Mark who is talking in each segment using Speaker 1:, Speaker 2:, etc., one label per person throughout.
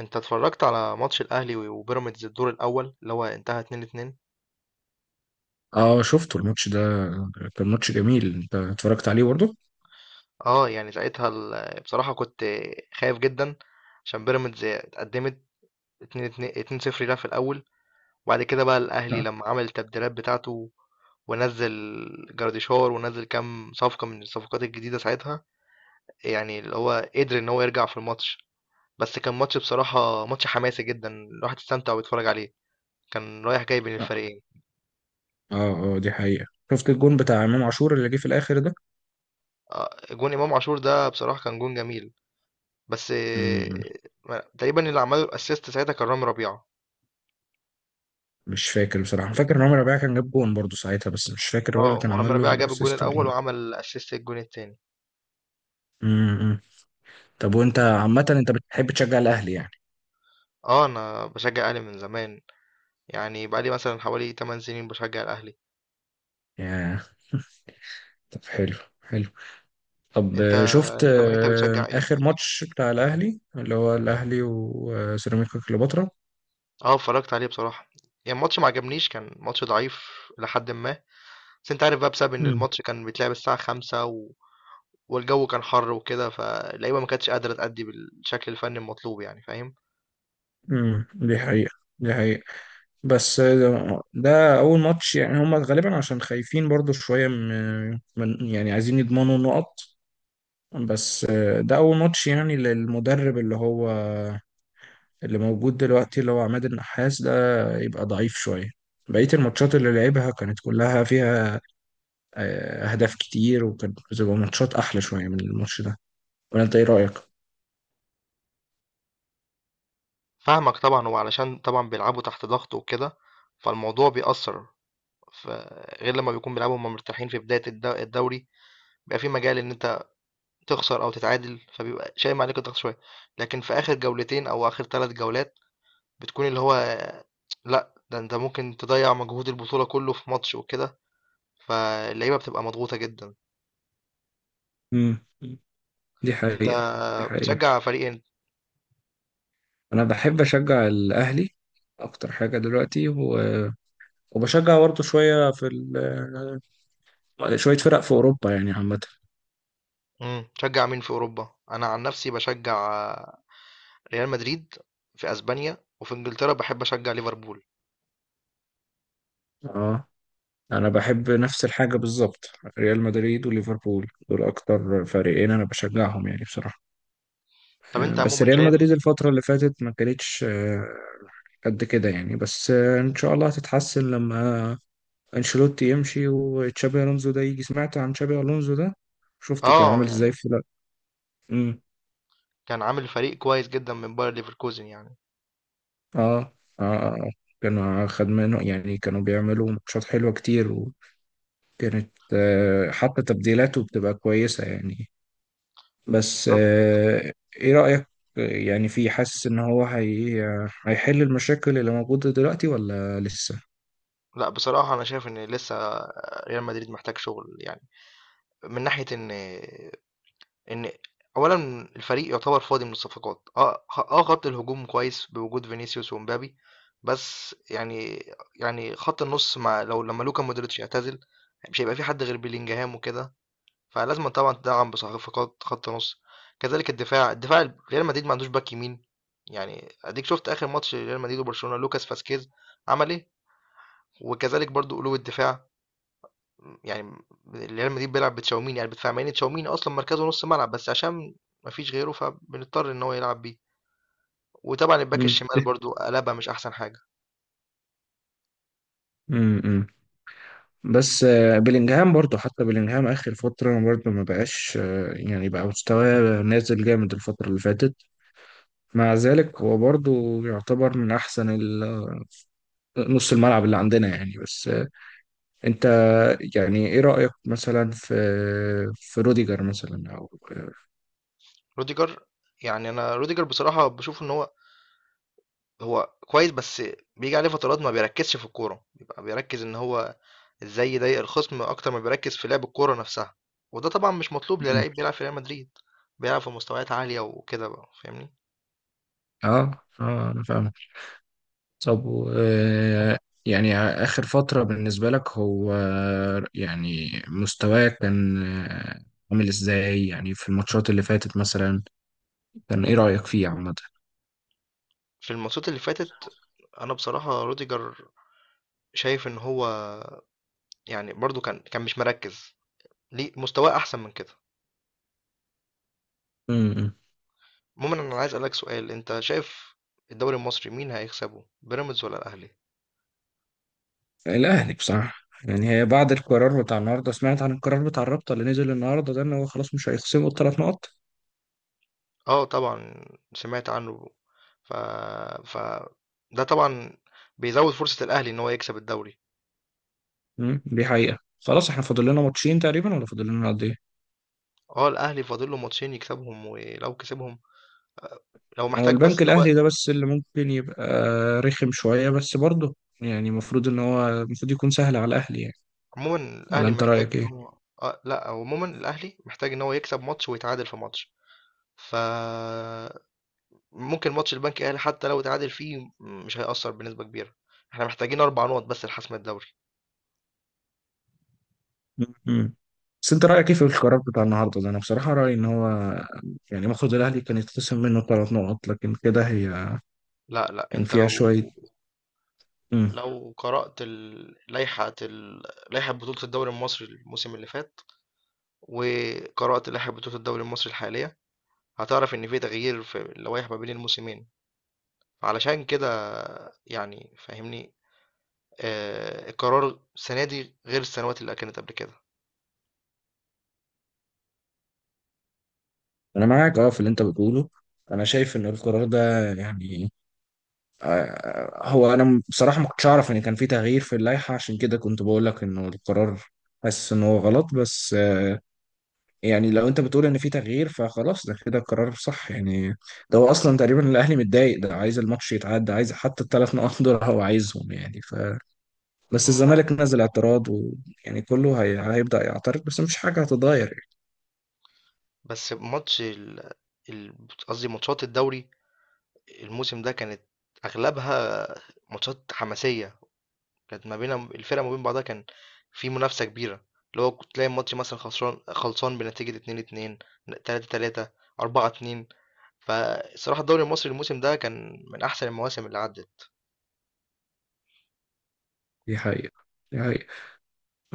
Speaker 1: انت اتفرجت على ماتش الاهلي وبيراميدز الدور الاول اللي هو انتهى 2-2.
Speaker 2: اه، شفته الماتش ده. كان ماتش جميل، انت اتفرجت عليه برضه؟
Speaker 1: اه يعني ساعتها بصراحة كنت خايف جدا، عشان بيراميدز اتقدمت 2-2 2-0 لها في الاول. وبعد كده بقى الاهلي
Speaker 2: لا.
Speaker 1: لما عمل التبديلات بتاعته ونزل جراديشار، ونزل كام صفقة من الصفقات الجديدة ساعتها، يعني اللي هو قدر ان هو يرجع في الماتش. بس كان ماتش بصراحة ماتش حماسي جدا، الواحد استمتع ويتفرج عليه، كان رايح جاي بين الفريقين.
Speaker 2: اه، اه دي حقيقة. شفت الجون بتاع امام عاشور اللي جه في الاخر ده؟
Speaker 1: جون امام عاشور ده بصراحة كان جون جميل، بس
Speaker 2: مم،
Speaker 1: تقريبا اللي عمله الاسيست ساعتها كان رامي ربيعة.
Speaker 2: مش فاكر بصراحة، فاكر ان عمر ربيعة كان جاب جون برضه ساعتها، بس مش فاكر هو اللي
Speaker 1: اه،
Speaker 2: كان
Speaker 1: ورامي
Speaker 2: عمل له
Speaker 1: ربيعة جاب الجون
Speaker 2: الاسيست ولا
Speaker 1: الاول
Speaker 2: لا.
Speaker 1: وعمل اسيست الجون التاني.
Speaker 2: مم، مم. طب وانت عامة انت بتحب تشجع الاهلي يعني؟
Speaker 1: اه، انا بشجع الاهلي من زمان، يعني بقالي مثلا حوالي 8 سنين بشجع الاهلي.
Speaker 2: يا، طب حلو حلو. طب،
Speaker 1: انت
Speaker 2: شفت
Speaker 1: انت بتشجع ايه؟
Speaker 2: اخر ماتش بتاع الاهلي اللي هو الاهلي وسيراميكا كليوباترا.
Speaker 1: اه اتفرجت عليه بصراحة، يعني الماتش ما عجبنيش، كان ماتش ضعيف لحد ما، بس انت عارف بقى بسبب ان
Speaker 2: مم،
Speaker 1: الماتش كان بيتلعب الساعة خمسة، والجو كان حر وكده، فاللعيبة ما كانتش قادرة تأدي بالشكل الفني المطلوب، يعني فاهم.
Speaker 2: مم، دي حقيقة. دي حقيقة. بس ده اول ماتش، يعني هم غالبا عشان خايفين برضو شويه من يعني عايزين يضمنوا نقط. بس ده اول ماتش يعني للمدرب اللي هو اللي موجود دلوقتي، اللي هو عماد النحاس ده، يبقى ضعيف شويه. بقيه الماتشات اللي لعبها كانت كلها فيها اهداف كتير، وكانت بتبقى ماتشات احلى شويه من الماتش ده، ولا انت ايه رايك؟
Speaker 1: فاهمك طبعًا، وعلشان طبعًا بيلعبوا تحت ضغط وكده، فالموضوع بيأثّر، ف غير لمّا بيكون بيلعبوا وهُم مرتاحين في بداية الدوري، بيبقى في مجال إن أنت تخسر أو تتعادل، فبيبقى شايم عليك الضغط شوية، لكن في آخر جولتين أو آخر 3 جولات بتكون اللي هو، لأ، ده أنت ممكن تضيّع مجهود البطولة كُلّه في ماتش وكده، فاللعيبة بتبقى مضغوطة جدًا.
Speaker 2: امم دي
Speaker 1: أنت
Speaker 2: حقيقه. دي حقيقه.
Speaker 1: بتشجّع فريق إن،
Speaker 2: انا بحب اشجع الاهلي اكتر حاجه دلوقتي، وبشجع برضه شوية في شوية فرق في أوروبا يعني عامة.
Speaker 1: إمم، بتشجّع مين في أوروبا؟ أنا عن نَفْسي باشجّع ريال مدريد في أسبانيا، وفي إنجلترا باحب أشجّع ليفربول.
Speaker 2: اه، أنا بحب نفس الحاجة بالظبط. ريال مدريد وليفربول دول أكتر فريقين أنا بشجعهم يعني بصراحة.
Speaker 1: طب انت
Speaker 2: بس
Speaker 1: عموما
Speaker 2: ريال
Speaker 1: شايف،
Speaker 2: مدريد الفترة اللي فاتت ما كانتش قد كده يعني. بس إن شاء الله هتتحسن لما أنشيلوتي يمشي وتشابي ألونزو ده يجي. سمعت عن تشابي ألونزو ده؟ شفته كان
Speaker 1: اه
Speaker 2: عامل إزاي
Speaker 1: يعني
Speaker 2: في لا؟ مم.
Speaker 1: كان عامل فريق كويس جدا من باير ليفركوزن يعني.
Speaker 2: آه، آه، آه. آه. كانوا خد منه يعني، كانوا بيعملوا ماتشات حلوة كتير. كانت حتى تبديلاته بتبقى كويسة يعني. بس
Speaker 1: بالظبط.
Speaker 2: ايه رأيك؟ يعني في، حاسس ان هو هيحل المشاكل اللي موجودة دلوقتي ولا لسه؟
Speaker 1: لا بصراحة انا شايف ان لسه ريال مدريد محتاج شغل، يعني من ناحية ان اولا الفريق يعتبر فاضي من الصفقات. اه اه، خط الهجوم كويس بوجود فينيسيوس ومبابي، بس يعني، يعني خط النص مع لما لوكا مودريتش يعتزل، مش هيبقى في حد غير بيلينجهام وكده، فلازم طبعا تدعم بصفقات خط نص. كذلك الدفاع، ريال مدريد ما عندوش باك يمين، يعني اديك شفت اخر ماتش ريال مدريد وبرشلونة لوكاس فاسكيز عمل ايه. وكذلك برضو قلوب الدفاع، يعني ريال مدريد بيلعب بتشاوميني، يعني بدفاع مع ان تشاوميني اصلا مركزه نص ملعب، بس عشان ما فيش غيره فبنضطر ان هو يلعب بيه. وطبعا الباك
Speaker 2: مم.
Speaker 1: الشمال برضو قلبها مش احسن حاجة.
Speaker 2: مم. مم. بس بلينجهام برضه، حتى بلينجهام آخر فترة برضه ما بقاش يعني بقى مستواه نازل جامد الفترة اللي فاتت. مع ذلك هو برضه يعتبر من أحسن نص الملعب اللي عندنا يعني. بس انت، يعني ايه رأيك مثلا في روديجر مثلا او.
Speaker 1: روديجر، يعني انا روديجر بصراحة بشوف ان هو، هو كويس بس بيجي عليه فترات ما بيركزش في الكورة، بيبقى بيركز ان هو إزاي يضايق الخصم أكتر ما بيركّز في لعب الكورة نَفْسها، وده طبعًا مش مطلوب
Speaker 2: مم.
Speaker 1: للعيب بيلعب في ريال مدريد، بيلعب في مستويات عالية وكده بقى فاهمني.
Speaker 2: اه، اه انا فاهم. طب، يعني اخر فترة بالنسبة لك هو، يعني مستواه كان عامل ازاي يعني في الماتشات اللي فاتت مثلا؟ كان ايه رأيك فيه عامة؟
Speaker 1: في الماتشات اللي فاتت أنا بصراحة روديجر شايف إن هو، يعني برضه كان مش مركّز، ليه مستواه أحسن من كده.
Speaker 2: مم.
Speaker 1: عمومًا أنا عايز أسألك سؤال، أنت شايف الدوري المصري مين هيكسبه، بيراميدز والّا الأهلي؟
Speaker 2: الاهلي بصراحة، يعني هي بعد القرار بتاع النهارده، سمعت عن القرار بتاع الرابطة اللي نزل النهارده ده، ان هو خلاص مش هيخصموا 3 نقط.
Speaker 1: آه طبعًا سمعت عنه، ف ف ده طبعًا بيزوّد فرصة الأهلي إن هو يكسب الدوري.
Speaker 2: مم، دي حقيقة. خلاص، احنا فاضل لنا ماتشين تقريبا ولا فاضل لنا قد ايه؟
Speaker 1: اه الاهلي فاضل له ماتشين يكسبهم، ولو كسبهم، آه، لو
Speaker 2: هو
Speaker 1: محتاج بس
Speaker 2: البنك
Speaker 1: ان
Speaker 2: الأهلي
Speaker 1: هو،
Speaker 2: ده بس اللي ممكن يبقى رخم شوية، بس برضه يعني المفروض ان هو المفروض يكون سهل على الأهلي يعني،
Speaker 1: عموما
Speaker 2: ولا
Speaker 1: الاهلي
Speaker 2: انت
Speaker 1: محتاج
Speaker 2: رأيك
Speaker 1: ان
Speaker 2: ايه؟
Speaker 1: هو، آه، لا، هو عموما الاهلي محتاج ان هو يكسب ماتش ويتعادل في ماتش، ف ممكن ماتش البنك الاهلي حتى لو اتعادل فيه مش هيأثر بنسبة كبيرة، احنا محتاجين اربع نقط بس لحسم الدوري.
Speaker 2: مم. بس انت رأيك ايه في القرار بتاع النهارده ده؟ انا بصراحة رأيي ان هو، يعني المفروض الأهلي كان يتخصم منه 3 نقط، لكن كده
Speaker 1: لا لا،
Speaker 2: كان
Speaker 1: انت
Speaker 2: فيها
Speaker 1: لو،
Speaker 2: شوية. مم.
Speaker 1: لو قرأت لائحة لائحة بطولة الدوري المصري الموسم اللي فات، وقرأت لائحة بطولة الدوري المصري الحالية، هتعرف إن في تغيير في اللوائح ما بين الموسمين، علشان كده، يعني فاهمني، آه القرار السنة دي غير السنوات اللي كانت قبل كده.
Speaker 2: انا معاك اه في اللي انت بتقوله. انا شايف ان القرار ده يعني هو انا بصراحه ما كنتش اعرف ان كان في تغيير في اللائحه، عشان كده كنت بقول لك انه القرار حاسس ان هو غلط. بس يعني لو انت بتقول ان في تغيير فخلاص، ده كده قرار صح يعني. ده هو اصلا تقريبا الاهلي متضايق ده، عايز الماتش يتعدى، عايز حتى 3 نقط دول هو عايزهم يعني ف، بس
Speaker 1: مم،
Speaker 2: الزمالك
Speaker 1: لا
Speaker 2: نزل اعتراض، ويعني كله هيبدا يعترض، بس مفيش حاجه هتتغير يعني.
Speaker 1: بس ماتش قصدي ماتشات الدوري الموسم ده كانت أغلبها ماتشات حماسية، كانت ما بين الفرق ما بين بعضها كان في منافسة كبيرة، اللي هو كنت تلاقي الماتش مثلا خسران خلصان بنتيجة 2-2، 3-3، 4-2. فالصراحة الدوري المصري الموسم ده كان من أحسن المواسم اللي عدت.
Speaker 2: دي حقيقه. دي حقيقه.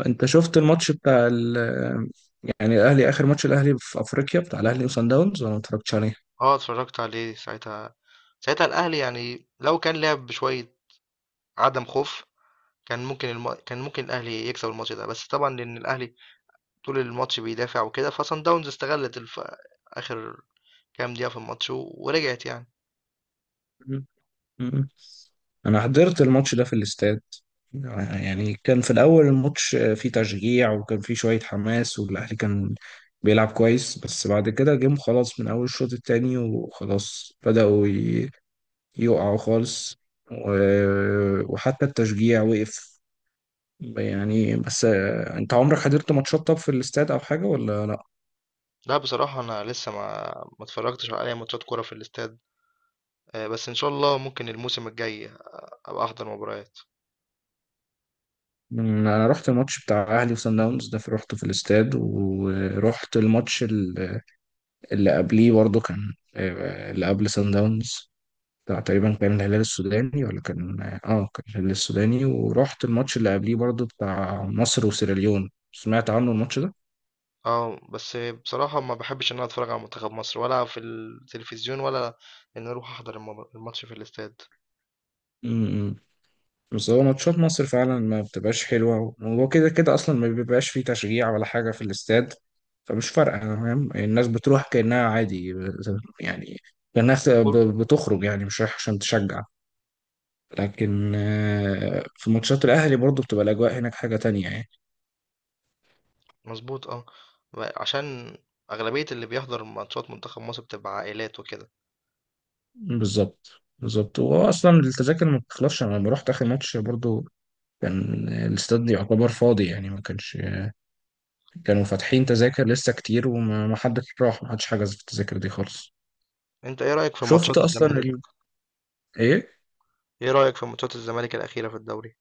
Speaker 2: انت شفت الماتش بتاع يعني الاهلي، اخر ماتش الاهلي في افريقيا بتاع الاهلي وصن داونز، ولا ما اتفرجتش
Speaker 1: آه، اتفرّجت عليه ساعتها، ساعتها الأهلي يعني لو كان لعب بشوية عدم خوف، كان ممكن الأهلي يكسب الماتش ده، بس طبعًا لإن الأهلي طول الماتش بيدافع وكده، فصن داونز استغلِّت آخر كام دقيقة في الماتش ورجعت يعني.
Speaker 2: عليه؟ مم. انا حضرت الماتش ده في الاستاد. يعني كان في الاول الماتش فيه تشجيع، وكان فيه شوية حماس، والاهلي كان بيلعب كويس. بس بعد كده جم خلاص من اول الشوط التاني، وخلاص بدأوا يقعوا خالص. وحتى التشجيع وقف يعني. بس انت عمرك حضرت ماتشات طب في الاستاد او حاجة ولا لا؟
Speaker 1: لأ، بصراحة أنا لسه ما اتفرّجتش على أي ماتشات كورة في الاستاد، بس إن شاء الله ممكن الموسم الجاي أبقى أحضر مباريات.
Speaker 2: انا رحت الماتش بتاع اهلي وصن داونز ده، رحته في الاستاد، ورحت الماتش اللي قبليه برضه كان اللي قبل سان داونز، بتاع تقريبا كان الهلال السوداني، ولا كان اه آه، كان الهلال السوداني، ورحت الماتش اللي قبليه برضه بتاع مصر وسيراليون. سمعت عنه الماتش ده؟
Speaker 1: آه، بس بصراحة ما باحبّش إن أنا أتفرّج على منتخب مصر ولا في التلفزيون، ولا إني أروح أحضر الماتش في الاستاد.
Speaker 2: امم بس هو ماتشات مصر فعلا ما بتبقاش حلوة، وهو كده كده أصلا ما بيبقاش فيه تشجيع ولا حاجة في الاستاد، فمش فارقة فاهم، الناس بتروح كأنها عادي يعني. الناس بتخرج يعني مش رايح عشان تشجع. لكن في ماتشات الأهلي برضو بتبقى الأجواء هناك حاجة تانية يعني.
Speaker 1: مضبوط آه. عشان أغلبية اللي بيحضر ماتشات منتخب مصر بتبقى عائلات وكده.
Speaker 2: بالظبط. بالظبط، هو اصلا التذاكر ما بتخلصش. انا لما رحت اخر ماتش برضو، كان الاستاد يعتبر فاضي يعني. ما كانش، كانوا فاتحين تذاكر لسه كتير، وما ما حدش راح، ما حدش حجز في التذاكر دي خالص.
Speaker 1: أنت إيه رأيك في ماتشات
Speaker 2: شفت اصلا
Speaker 1: الزمالك؟
Speaker 2: ايه؟
Speaker 1: إيه رأيك في ماتشات الزمالك الأخيرة في الدوري؟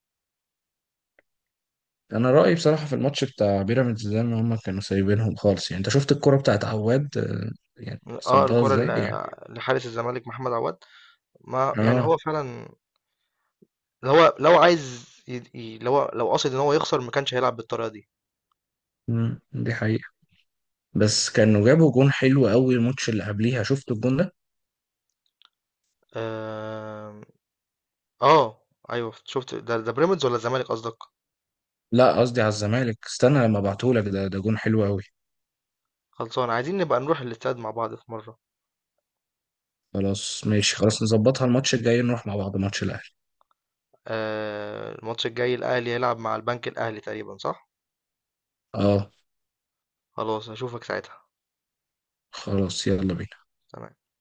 Speaker 2: انا رايي بصراحه في الماتش بتاع بيراميدز ده، ان هم كانوا سايبينهم خالص يعني. انت شفت الكرة بتاعت عواد يعني
Speaker 1: آه
Speaker 2: صدها
Speaker 1: الكرة
Speaker 2: ازاي يعني.
Speaker 1: اللي لحارس الزمالك محمد عواد، ما يعني هو
Speaker 2: اه.
Speaker 1: فعلا اللي هو لو عايز لو قصد إن هو يخسر ما كانش هيلعب بالطريقة دي.
Speaker 2: مم، دي حقيقة. بس كانوا جابوا جون حلو قوي الماتش اللي قبليها، شفت الجون ده؟
Speaker 1: آه, آه أيوه شفت، ده ده بيراميدز ولا الزمالك قصدك؟
Speaker 2: لا، قصدي على الزمالك. استنى لما ابعتهولك. ده جون حلو قوي.
Speaker 1: خلصان عايزين نبقى نروح الاستاد مع بعض في مرة.
Speaker 2: خلاص ماشي، خلاص نظبطها الماتش الجاي نروح مع بعض ماتش الاهلي.
Speaker 1: آه الماتش الجاي الأهلي هيلعب مع البنك الأهلي تقريبا، صح؟
Speaker 2: اه.
Speaker 1: خلاص أشوفك ساعتها.
Speaker 2: خلاص، يلا بينا.
Speaker 1: تمام.